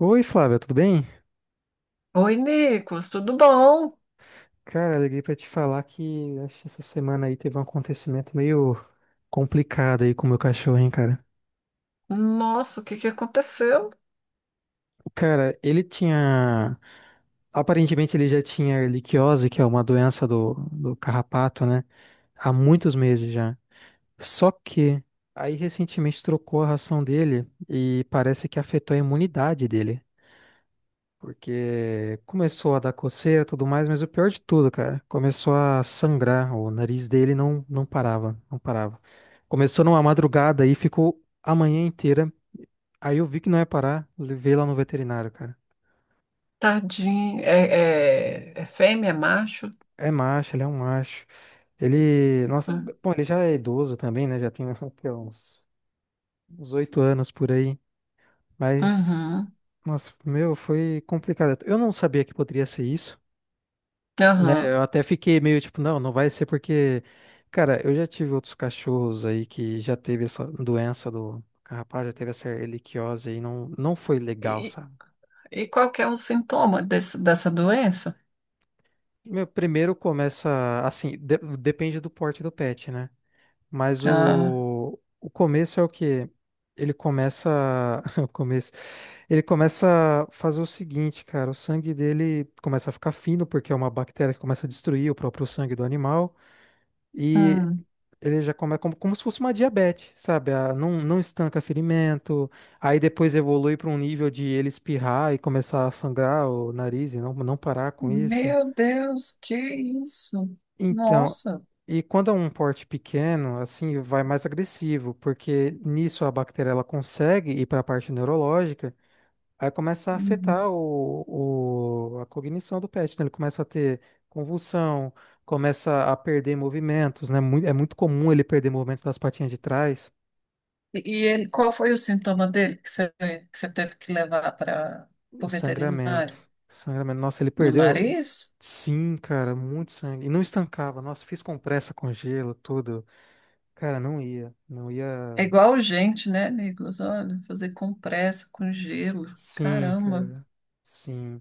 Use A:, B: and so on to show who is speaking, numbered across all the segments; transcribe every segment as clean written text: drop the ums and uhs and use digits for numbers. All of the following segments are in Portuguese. A: Oi, Flávia, tudo bem?
B: Oi, Nicolas, tudo bom?
A: Cara, liguei pra te falar que acho que essa semana aí teve um acontecimento meio complicado aí com o meu cachorro, hein, cara.
B: Nossa, o que que aconteceu?
A: Cara, ele tinha. Aparentemente ele já tinha ehrlichiose, que é uma doença do carrapato, né? Há muitos meses já. Só que aí recentemente trocou a ração dele e parece que afetou a imunidade dele. Porque começou a dar coceira e tudo mais, mas o pior de tudo, cara, começou a sangrar. O nariz dele não, não parava, não parava. Começou numa madrugada e ficou a manhã inteira. Aí eu vi que não ia parar, levei lá no veterinário, cara.
B: Tadinho. É fêmea, é macho?
A: É macho, ele é um macho. Ele, nossa,
B: Hum.
A: bom, ele já é idoso também, né? Já tem o quê, uns 8 anos por aí. Mas,
B: Uhum,
A: nossa, meu, foi complicado. Eu não sabia que poderia ser isso. Né?
B: aham.
A: Eu até fiquei meio tipo, não, não vai ser porque, cara, eu já tive outros cachorros aí que já teve essa doença do carrapato, já teve essa erliquiose aí, não, não foi legal,
B: E,
A: sabe?
B: e qual que é o sintoma dessa doença?
A: Meu, primeiro começa, assim, depende do porte do pet, né? Mas
B: Ah,
A: o começo é o quê? Ele começa, o começo, ele começa a fazer o seguinte, cara, o sangue dele começa a ficar fino, porque é uma bactéria que começa a destruir o próprio sangue do animal. E
B: hum.
A: ele já começa como, como se fosse uma diabetes, sabe? Não, não estanca ferimento, aí depois evolui para um nível de ele espirrar e começar a sangrar o nariz e não, não parar com isso.
B: Meu Deus, que isso?
A: Então,
B: Nossa.
A: e quando é um porte pequeno, assim, vai mais agressivo, porque nisso a bactéria ela consegue ir para a parte neurológica. Aí começa a
B: Uhum.
A: afetar a cognição do pet, né? Ele começa a ter convulsão, começa a perder movimentos, né? É muito comum ele perder movimento das patinhas de trás.
B: E ele, qual foi o sintoma dele que você teve que levar para
A: O
B: o
A: sangramento.
B: veterinário?
A: Sangramento. Nossa, ele
B: No
A: perdeu.
B: nariz?
A: Sim, cara, muito sangue. E não estancava. Nossa, fiz compressa com gelo, tudo. Cara, não ia. Não
B: É
A: ia.
B: igual gente, né, Nicolas? Olha, fazer compressa com gelo.
A: Sim,
B: Caramba,
A: cara. Sim.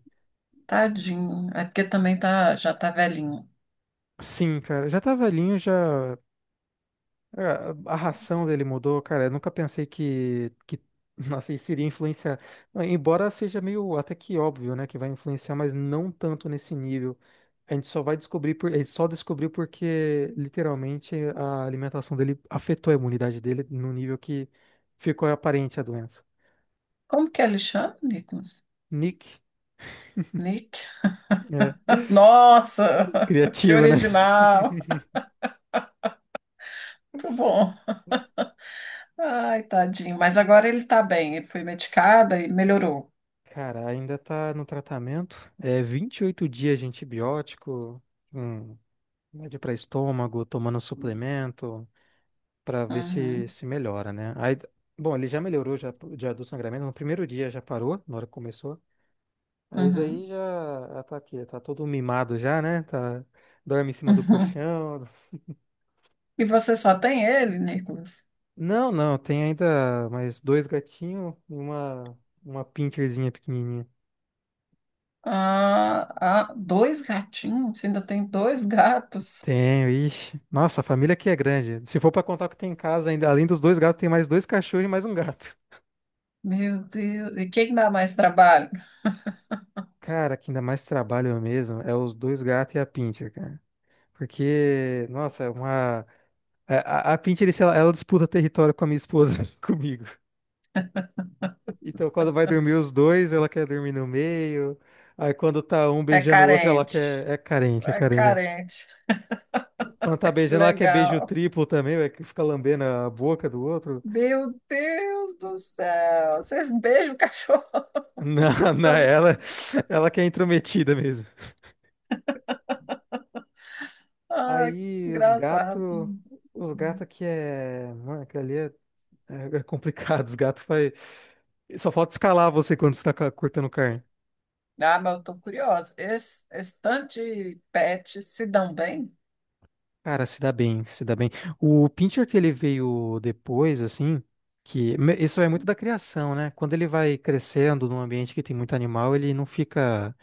B: tadinho. É porque também já tá velhinho.
A: Sim, cara. Já tá velhinho, já. A ração dele mudou, cara. Eu nunca pensei que nossa, isso iria influenciar. Ah, embora seja meio até que óbvio, né, que vai influenciar, mas não tanto nesse nível. A gente só vai descobrir por, a gente só descobriu porque literalmente a alimentação dele afetou a imunidade dele no nível que ficou aparente a doença.
B: Como que ele chama, Nicolas?
A: Nick,
B: Nick?
A: né?
B: Nossa, que
A: Criativo, né?
B: original. Muito bom. Ai, tadinho. Mas agora ele tá bem. Ele foi medicado e melhorou.
A: Cara, ainda tá no tratamento. É 28 dias de antibiótico. Um remédio para estômago, tomando suplemento, para ver se
B: Uhum,
A: se melhora, né? Aí, bom, ele já melhorou já, já do sangramento, no primeiro dia já parou, na hora que começou. Aí
B: uhum,
A: já, já tá aqui, tá todo mimado já, né? Tá, dorme em cima do
B: uhum.
A: colchão.
B: E você só tem ele, Nicolas?
A: Não, não, tem ainda mais dois gatinhos e uma pincherzinha pequenininha.
B: Ah, ah, dois gatinhos? Você ainda tem dois gatos?
A: Tenho, ixi. Nossa, a família aqui é grande. Se for para contar o que tem em casa, ainda, além dos dois gatos, tem mais dois cachorros e mais um gato.
B: Meu Deus, e quem dá mais trabalho?
A: Cara, que ainda mais trabalho mesmo é os dois gatos e a Pinscher, cara. Porque, nossa, é uma. A Pinscher, ela, ela disputa território com a minha esposa, comigo. Então, quando vai dormir os dois, ela quer dormir no meio. Aí, quando tá um
B: É
A: beijando o outro, ela
B: carente.
A: quer. É carente, é
B: É
A: carente.
B: carente.
A: Quando tá
B: Que
A: beijando, ela quer beijo
B: legal.
A: triplo também, vai que fica lambendo a boca do outro.
B: Meu Deus do céu. Vocês beijam o cachorro?
A: Na, na ela, ela que é intrometida mesmo.
B: Ai, que
A: Aí, os
B: engraçado.
A: gatos.
B: Hum.
A: Os gatos que é. Mano, aquele ali é. É complicado, os gatos vai. Só falta escalar você quando você tá cortando carne.
B: Ah, mas eu tô curiosa. Esse tanto de pets se dão bem?
A: Cara, se dá bem, se dá bem. O Pinscher que ele veio depois, assim, que isso é muito da criação, né? Quando ele vai crescendo num ambiente que tem muito animal, ele não fica,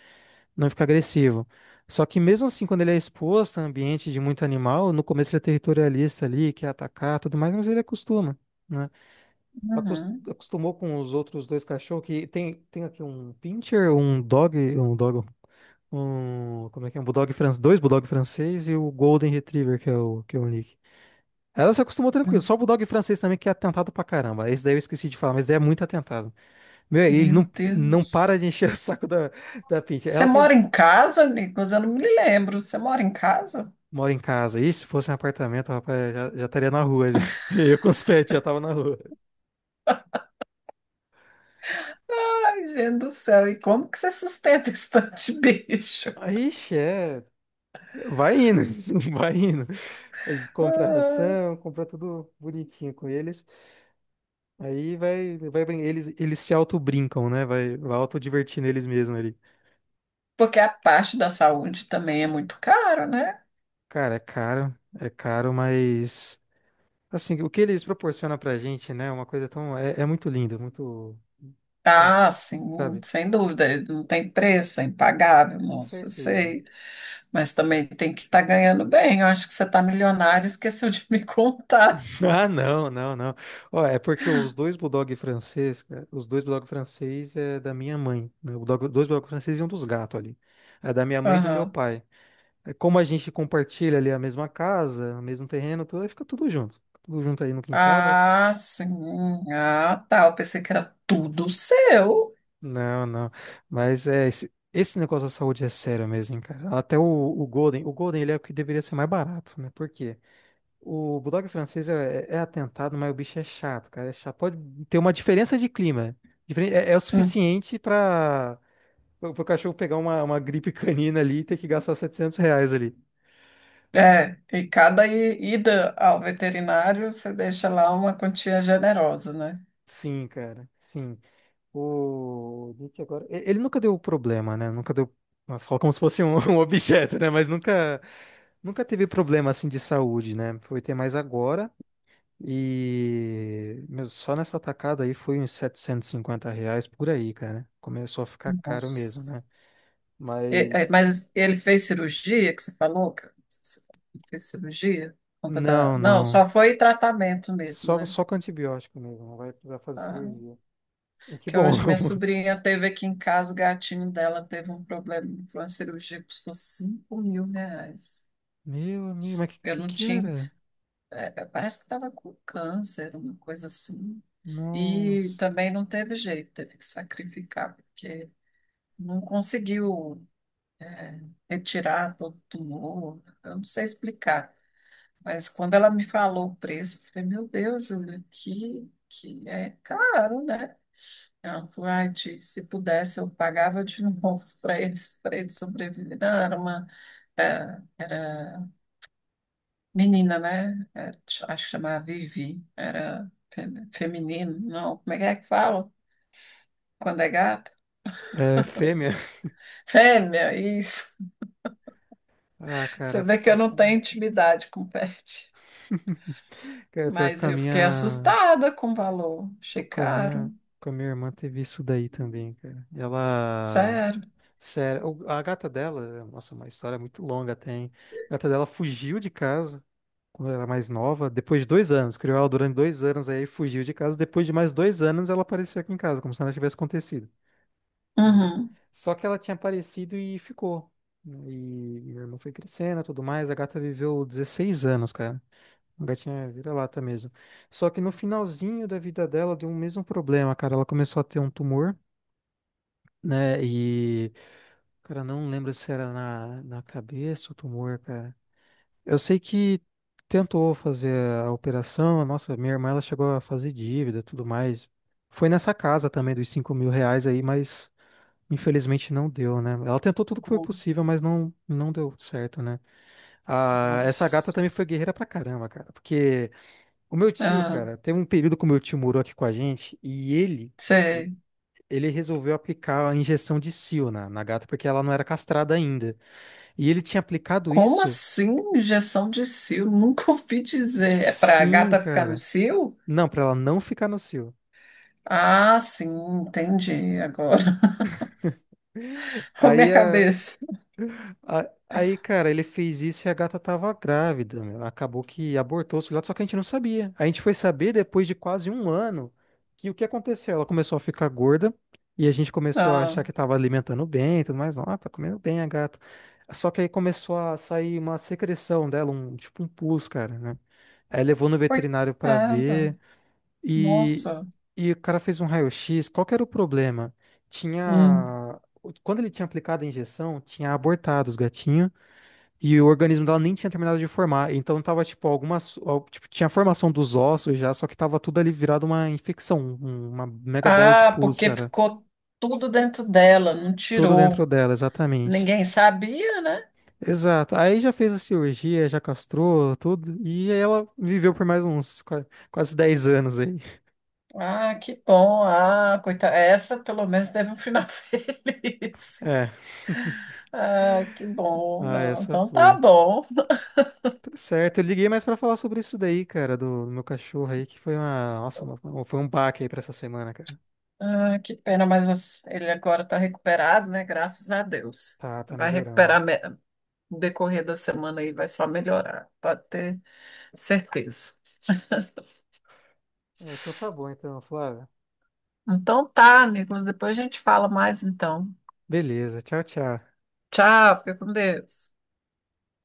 A: não fica agressivo. Só que mesmo assim, quando ele é exposto a ambiente de muito animal, no começo ele é territorialista ali, quer atacar, tudo mais, mas ele acostuma, né?
B: Uhum.
A: Acostumou com os outros dois cachorros que tem, tem aqui um Pinscher, um dog um, como é que é? Um Bulldog francês, dois Bulldog francês e o Golden Retriever, que é o Nick. Ela se acostumou tranquilo.
B: Hum.
A: Só o Bulldog francês também, que é atentado pra caramba. Esse daí eu esqueci de falar, mas daí é muito atentado. Meu, ele não,
B: Meu
A: não
B: Deus.
A: para de encher o saco da, Pinty.
B: Você
A: Ela tem um-
B: mora em casa, Nicolas? Eu não me lembro. Você mora em casa?
A: mora em casa. E se fosse um apartamento, rapaz, já, já estaria na rua. Já. Eu com os pets já tava na rua.
B: Ai, gente do céu. E como que você sustenta esse tanto de bicho?
A: Aí, é. Vai indo, vai indo. A gente compra ração, compra tudo bonitinho com eles. Aí vai, vai, eles, eles se auto-brincam, né? Vai, vai auto divertir neles mesmos ali.
B: Porque a parte da saúde também é muito caro, né?
A: Cara, é caro, mas assim, o que eles proporcionam pra gente, né? É uma coisa tão, é, é muito lindo, muito bom,
B: Ah, sim,
A: sabe?
B: sem dúvida, não tem preço, é impagável,
A: Com
B: nossa, eu
A: certeza.
B: sei. Mas também tem que estar ganhando bem. Eu acho que você está milionário, e esqueceu de me contar.
A: Ah, não, não, não. Ó, é porque os dois bulldog francês, cara, os dois bulldog francês é da minha mãe, né? O dois bulldog francês e um dos gatos ali. É da minha mãe e do meu
B: Aham.
A: pai. É. Como a gente compartilha ali a mesma casa, o mesmo terreno, tudo, aí fica tudo junto. Tudo junto aí no quintal.
B: Ah, sim. Ah, tá. Eu pensei que era tudo seu.
A: Não, não. Mas é, esse negócio da saúde é sério mesmo, hein, cara. Até o Golden ele é o que deveria ser mais barato, né? Por quê? O Bulldog francês é, é atentado, mas o bicho é chato, cara. É chato. Pode ter uma diferença de clima. É, é o
B: Hum.
A: suficiente para o cachorro pegar uma gripe canina ali e ter que gastar R$ 700 ali.
B: É, e cada ida ao veterinário, você deixa lá uma quantia generosa, né?
A: Sim, cara. Sim. O Nick agora. Ele nunca deu problema, né? Nunca deu. Nossa, fala como se fosse um, um objeto, né? Mas nunca, nunca teve problema assim de saúde, né? Foi ter mais agora. E meu, só nessa atacada aí foi uns R$ 750 por aí, cara. Começou a ficar caro mesmo,
B: Nossa.
A: né?
B: É,
A: Mas.
B: mas ele fez cirurgia, que você falou? Você falou que ele fez cirurgia?
A: Não,
B: Não,
A: não.
B: só foi tratamento mesmo,
A: Só,
B: né?
A: só com antibiótico mesmo. Não vai precisar fazer
B: Ah,
A: cirurgia. E que
B: que
A: bom.
B: hoje minha sobrinha teve aqui em casa, o gatinho dela teve um problema, foi uma cirurgia que custou R$ 5.000.
A: Meu amigo, mas que,
B: Eu
A: que
B: não
A: que
B: tinha,
A: era?
B: é, parece que estava com câncer, uma coisa assim. E
A: Nossa.
B: também não teve jeito, teve que sacrificar, porque não conseguiu, é, retirar todo o tumor. Eu não sei explicar. Mas quando ela me falou o preço, eu falei, meu Deus, Júlia, que é caro, né? Ela falou, "Ai, Ti, se pudesse, eu pagava de novo para eles sobreviverem. Não, era uma, é, menina, né? É, acho que chamava Vivi, era feminino, não, como é que fala? Quando é gato?
A: É, fêmea?
B: Fêmea, isso.
A: Ah,
B: Você
A: cara.
B: vê que eu não tenho intimidade com pet.
A: Cara, pior que
B: Mas
A: com a
B: eu fiquei
A: minha,
B: assustada com o valor. Achei
A: com a
B: caro,
A: minha, com a minha irmã teve isso daí também, cara. Ela,
B: sério.
A: sério, a gata dela, nossa, uma história muito longa tem. A gata dela fugiu de casa quando ela era mais nova, depois de 2 anos, criou ela durante 2 anos aí, fugiu de casa. Depois de mais 2 anos, ela apareceu aqui em casa, como se nada tivesse acontecido. Né?
B: Uhum.
A: Só que ela tinha aparecido e ficou. Né? E minha irmã foi crescendo e tudo mais. A gata viveu 16 anos, cara. A gatinha é vira-lata mesmo. Só que no finalzinho da vida dela deu o mesmo problema, cara. Ela começou a ter um tumor, né? E, cara, não lembro se era na, na cabeça o tumor, cara. Eu sei que tentou fazer a operação. Nossa, minha irmã, ela chegou a fazer dívida, e tudo mais. Foi nessa casa também dos R$ 5.000 aí, mas infelizmente não deu, né? Ela tentou tudo que foi possível, mas não, não deu certo, né? Ah, essa gata
B: Nossa.
A: também foi guerreira pra caramba, cara. Porque. O meu tio,
B: Ah,
A: cara, teve um período que o meu tio morou aqui com a gente e ele, ele
B: cê-
A: ele resolveu aplicar a injeção de cio na gata porque ela não era castrada ainda. E ele tinha aplicado
B: como
A: isso,
B: assim injeção de cio? Nunca ouvi dizer. É para a
A: sim,
B: gata ficar no
A: cara.
B: cio?
A: Não, pra ela não ficar no cio.
B: Ah, sim, entendi agora. A
A: Aí
B: minha
A: a.
B: cabeça.
A: Aí, cara, ele fez isso e a gata tava grávida, meu. Acabou que abortou os filhotes, só que a gente não sabia. A gente foi saber depois de quase um ano que o que aconteceu? Ela começou a ficar gorda e a gente começou a
B: Ah,
A: achar que tava alimentando bem e tudo mais. Ah, tá comendo bem a gata. Só que aí começou a sair uma secreção dela, um tipo um pus, cara, né? Aí levou no veterinário pra
B: coitada.
A: ver e,
B: Nossa.
A: e o cara fez um raio-x. Qual que era o problema?
B: Hum.
A: Tinha. Quando ele tinha aplicado a injeção, tinha abortado os gatinhos. E o organismo dela nem tinha terminado de formar. Então tava, tipo, algumas. Tipo, tinha a formação dos ossos já, só que tava tudo ali virado uma infecção, uma mega bola de
B: Ah,
A: pus,
B: porque
A: cara.
B: ficou tudo dentro dela, não
A: Tudo dentro
B: tirou.
A: dela, exatamente.
B: Ninguém sabia, né?
A: Exato. Aí já fez a cirurgia, já castrou tudo. E ela viveu por mais uns quase 10 anos aí.
B: Ah, que bom. Ah, coitada. Essa pelo menos teve um final feliz.
A: É.
B: Ah, que bom.
A: Ah,
B: Não,
A: essa
B: então tá
A: foi.
B: bom.
A: Tá certo. Eu liguei mais pra falar sobre isso daí, cara, do meu cachorro aí, que foi uma. Nossa, uma- foi um baque aí pra essa semana, cara.
B: Ah, que pena, mas ele agora está recuperado, né? Graças a Deus.
A: Tá, tá
B: Vai
A: melhorando.
B: recuperar no decorrer da semana e vai só melhorar, pode ter certeza.
A: É, então tá bom, então, Flávio.
B: Então tá, Nicolas, depois a gente fala mais então.
A: Beleza, tchau, tchau.
B: Tchau, fica com Deus.